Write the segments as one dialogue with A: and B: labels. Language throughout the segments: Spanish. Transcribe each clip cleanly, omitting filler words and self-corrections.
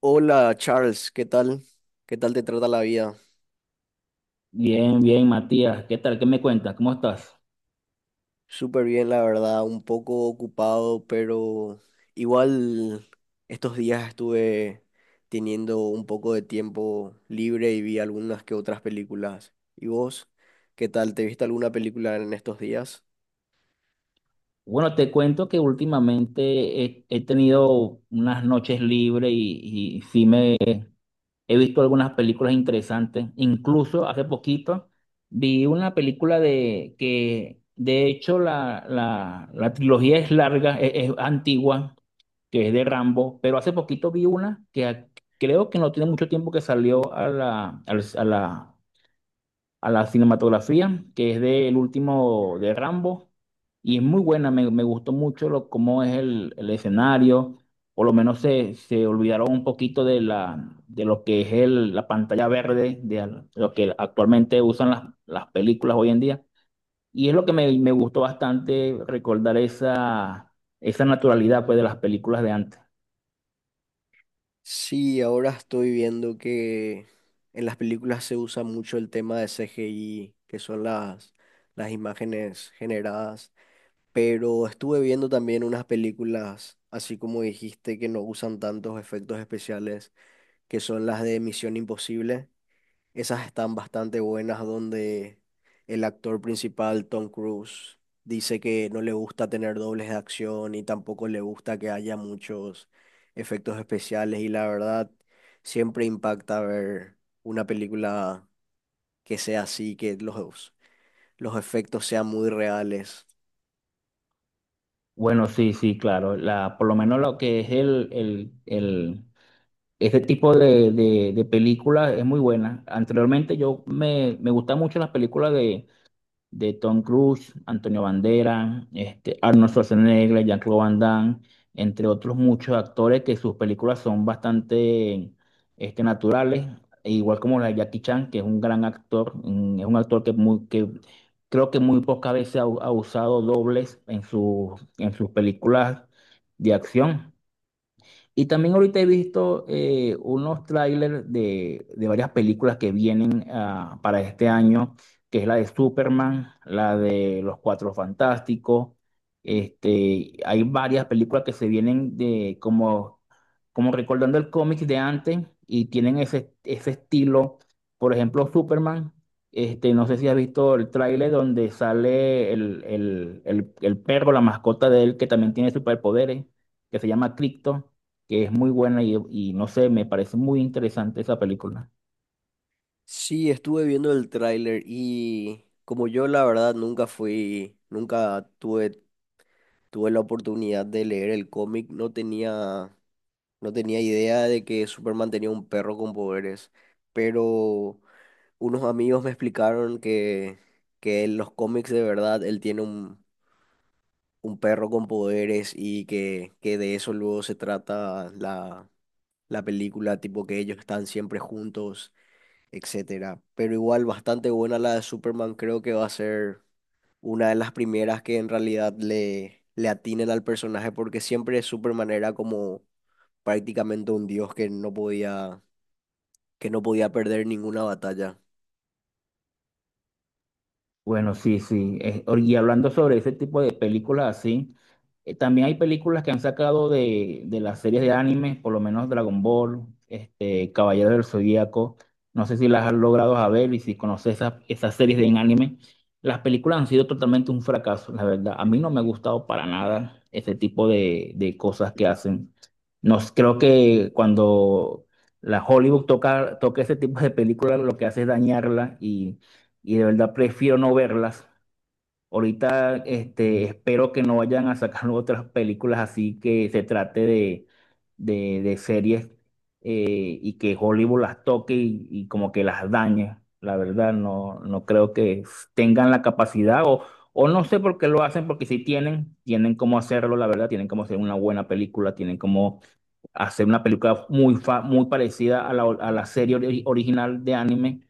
A: Hola Charles, ¿qué tal? ¿Qué tal te trata la vida?
B: Bien, bien, Matías. ¿Qué tal? ¿Qué me cuentas? ¿Cómo estás?
A: Súper bien, la verdad, un poco ocupado, pero igual estos días estuve teniendo un poco de tiempo libre y vi algunas que otras películas. ¿Y vos? ¿Qué tal? ¿Te viste alguna película en estos días?
B: Bueno, te cuento que últimamente he tenido unas noches libres y sí me he visto algunas películas interesantes. Incluso hace poquito vi una película de que, de hecho, la trilogía es larga, es antigua, que es de Rambo, pero hace poquito vi una creo que no tiene mucho tiempo que salió a la, al- a la cinematografía, que es del último de Rambo, y es muy buena, me gustó mucho cómo es el escenario, por lo menos se olvidaron un poquito de lo que es la pantalla verde, lo que actualmente usan las películas hoy en día, y es lo que me gustó bastante recordar esa naturalidad pues, de las películas de antes.
A: Sí, ahora estoy viendo que en las películas se usa mucho el tema de CGI, que son las imágenes generadas. Pero estuve viendo también unas películas, así como dijiste, que no usan tantos efectos especiales, que son las de Misión Imposible. Esas están bastante buenas, donde el actor principal, Tom Cruise, dice que no le gusta tener dobles de acción y tampoco le gusta que haya muchos efectos especiales. Y la verdad, siempre impacta ver una película que sea así, que los efectos sean muy reales.
B: Bueno, sí, sí, claro. La, por lo menos lo que es este tipo de películas es muy buena. Anteriormente yo me gustan mucho las películas de Tom Cruise, Antonio Banderas, Arnold Schwarzenegger, Jean-Claude Van Damme, entre otros muchos actores que sus películas son bastante naturales, e igual como la de Jackie Chan, que es un gran actor, es un actor que, muy, que creo que muy pocas veces ha usado dobles en sus películas de acción. Y también ahorita he visto unos trailers de varias películas que vienen para este año, que es la de Superman, la de Los Cuatro Fantásticos. Hay varias películas que se vienen como recordando el cómic de antes y tienen ese estilo. Por ejemplo, Superman. No sé si has visto el tráiler donde sale el perro, la mascota de él, que también tiene superpoderes, que se llama Krypto, que es muy buena y no sé, me parece muy interesante esa película.
A: Sí, estuve viendo el tráiler y como yo la verdad nunca fui, nunca tuve, tuve la oportunidad de leer el cómic, no tenía idea de que Superman tenía un perro con poderes, pero unos amigos me explicaron que en los cómics de verdad él tiene un perro con poderes y que de eso luego se trata la película, tipo que ellos están siempre juntos, etcétera. Pero igual bastante buena la de Superman, creo que va a ser una de las primeras que en realidad le atinen al personaje, porque siempre Superman era como prácticamente un dios que no podía perder ninguna batalla.
B: Bueno, sí, sí. Y hablando sobre ese tipo de películas así, también hay películas que han sacado de las series de anime, por lo menos Dragon Ball, Caballero del Zodíaco. No sé si las has logrado a ver y si conoces esas series de anime. Las películas han sido totalmente un fracaso, la verdad. A mí no me ha gustado para nada ese tipo de cosas que hacen. Nos, creo que cuando la Hollywood toca ese tipo de películas, lo que hace es dañarla, y de verdad prefiero no verlas. Ahorita espero que no vayan a sacar otras películas así que se trate de series, y que Hollywood las toque y como que las dañe. La verdad, no, no creo que tengan la capacidad o no sé por qué lo hacen, porque si tienen, tienen cómo hacerlo, la verdad, tienen cómo hacer una buena película, tienen cómo hacer una película muy parecida a a la serie original de anime,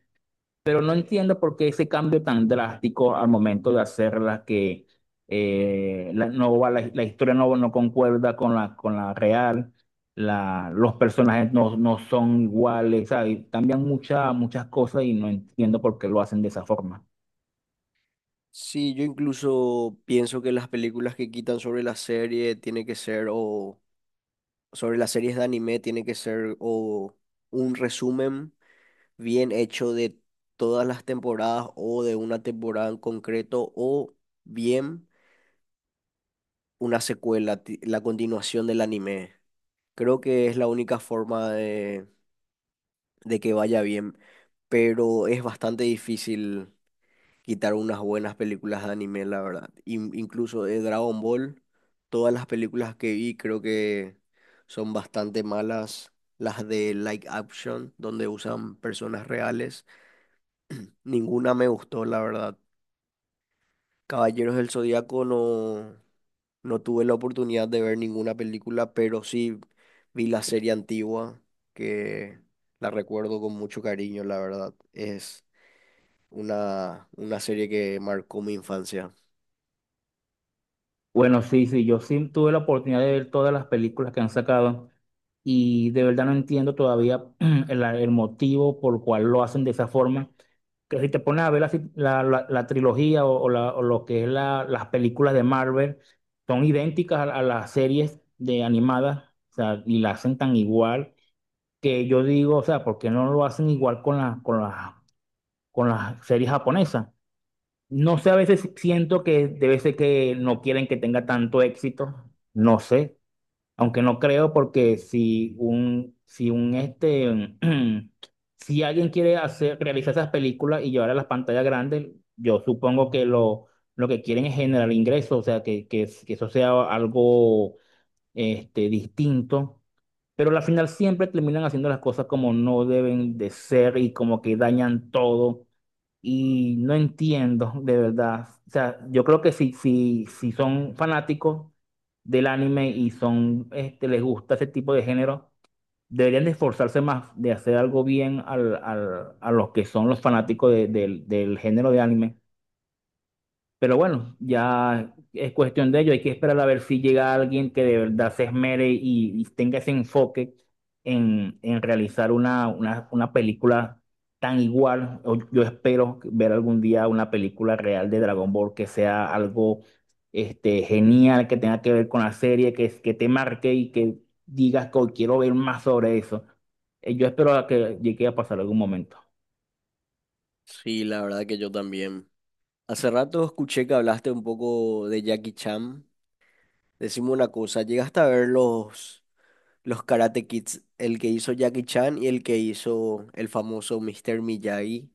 B: pero no entiendo por qué ese cambio tan drástico al momento de hacerla que la historia no, no concuerda con con la real, la, los personajes no, no son iguales, ¿sabes? Cambian muchas cosas y no entiendo por qué lo hacen de esa forma.
A: Sí, yo incluso pienso que las películas que quitan sobre la serie tiene que ser o sobre las series de anime tiene que ser o un resumen bien hecho de todas las temporadas o de una temporada en concreto o bien una secuela, la continuación del anime. Creo que es la única forma de que vaya bien, pero es bastante difícil quitar unas buenas películas de anime, la verdad. Incluso de Dragon Ball, todas las películas que vi creo que son bastante malas. Las de Like Action, donde usan personas reales, ninguna me gustó, la verdad. Caballeros del Zodíaco no, no tuve la oportunidad de ver ninguna película, pero sí vi la serie antigua, que la recuerdo con mucho cariño, la verdad. Es una serie que marcó mi infancia.
B: Bueno, sí, sí, yo sí tuve la oportunidad de ver todas las películas que han sacado y de verdad no entiendo todavía el motivo por el cual lo hacen de esa forma. Que si te pones a ver la, si, la- la- la trilogía o o lo que es las películas de Marvel, son idénticas a las series de animadas, o sea, y la hacen tan igual que yo digo, o sea, ¿por qué no lo hacen igual con con las series japonesas? No sé, a veces siento que debe ser que no quieren que tenga tanto éxito, no sé, aunque no creo porque si alguien quiere hacer, realizar esas películas y llevar a las pantallas grandes, yo supongo que lo que quieren es generar ingresos, o sea, que eso sea algo distinto, pero al final siempre terminan haciendo las cosas como no deben de ser y como que dañan todo y no entiendo, de verdad. O sea, yo creo que si, si, si son fanáticos del anime y son, este, les gusta ese tipo de género, deberían de esforzarse más de hacer algo bien a los que son los fanáticos del del género de anime, pero bueno, ya es cuestión de ello. Hay que esperar a ver si llega alguien que de verdad se esmere y tenga ese enfoque en realizar una película tan igual. O Yo espero ver algún día una película real de Dragon Ball que sea algo genial, que tenga que ver con la serie, que te marque y que digas que: "Oh, quiero ver más sobre eso". Yo espero a que llegue a pasar algún momento.
A: Sí, la verdad que yo también. Hace rato escuché que hablaste un poco de Jackie Chan. Decime una cosa, ¿llegaste a ver los Karate Kids? El que hizo Jackie Chan y el que hizo el famoso Mr. Miyagi.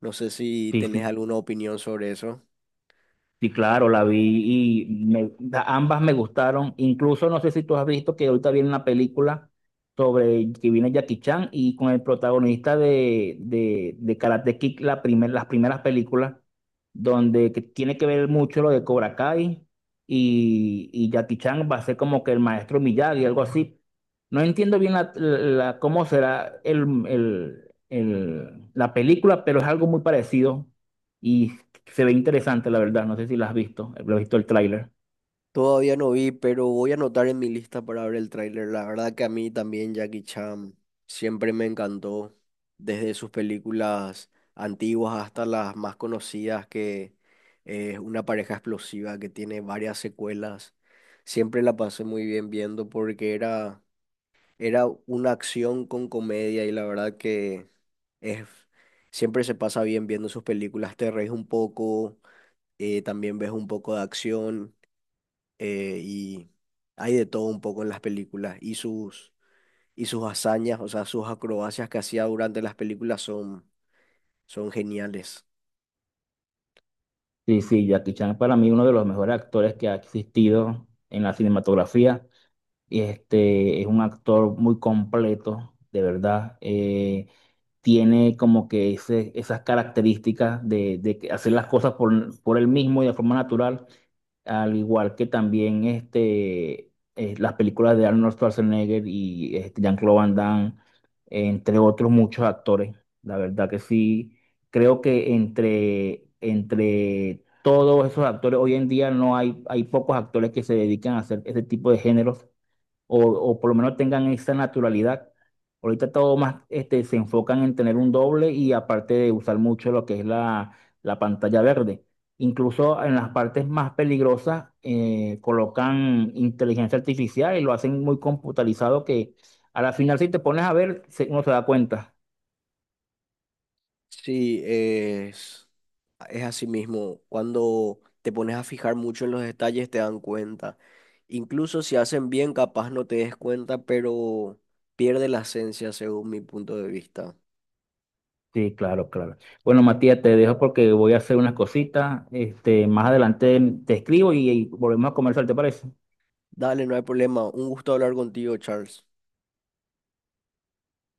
A: No sé si
B: Sí,
A: tenés
B: sí.
A: alguna opinión sobre eso.
B: Sí, claro, la vi y ambas me gustaron. Incluso no sé si tú has visto que ahorita viene una película sobre que viene Jackie Chan y con el protagonista de Karate Kid, las primeras películas, donde que tiene que ver mucho lo de Cobra Kai y Jackie Chan va a ser como que el maestro Miyagi, algo así. No entiendo bien cómo será la película, pero es algo muy parecido. Y se ve interesante, la verdad. No sé si la has visto. Lo he visto el tráiler.
A: Todavía no vi, pero voy a anotar en mi lista para ver el tráiler. La verdad que a mí también Jackie Chan siempre me encantó, desde sus películas antiguas hasta las más conocidas, que es una pareja explosiva que tiene varias secuelas. Siempre la pasé muy bien viendo porque era, era una acción con comedia y la verdad que es, siempre se pasa bien viendo sus películas. Te reís un poco, también ves un poco de acción, y hay de todo un poco en las películas y y sus hazañas, o sea, sus acrobacias que hacía durante las películas son, son geniales.
B: Sí, sí, Jackie Chan es para mí uno de los mejores actores que ha existido en la cinematografía. Y este es un actor muy completo, de verdad. Tiene como que ese, esas características de que hacer las cosas por él mismo y de forma natural, al igual que también las películas de Arnold Schwarzenegger y Jean-Claude Van Damme, entre otros muchos actores. La verdad que sí, creo que entre todos esos actores, hoy en día no hay, hay pocos actores que se dedican a hacer ese tipo de géneros o por lo menos tengan esa naturalidad. Ahorita todo más se enfocan en tener un doble y aparte de usar mucho lo que es la pantalla verde. Incluso en las partes más peligrosas colocan inteligencia artificial y lo hacen muy computarizado que a la final si te pones a ver uno se da cuenta.
A: Sí, es así mismo. Cuando te pones a fijar mucho en los detalles te dan cuenta. Incluso si hacen bien, capaz no te des cuenta, pero pierde la esencia según mi punto de vista.
B: Sí, claro, claro. Bueno, Matías, te dejo porque voy a hacer unas cositas. Más adelante te escribo y volvemos a conversar, ¿te parece?
A: Dale, no hay problema. Un gusto hablar contigo, Charles.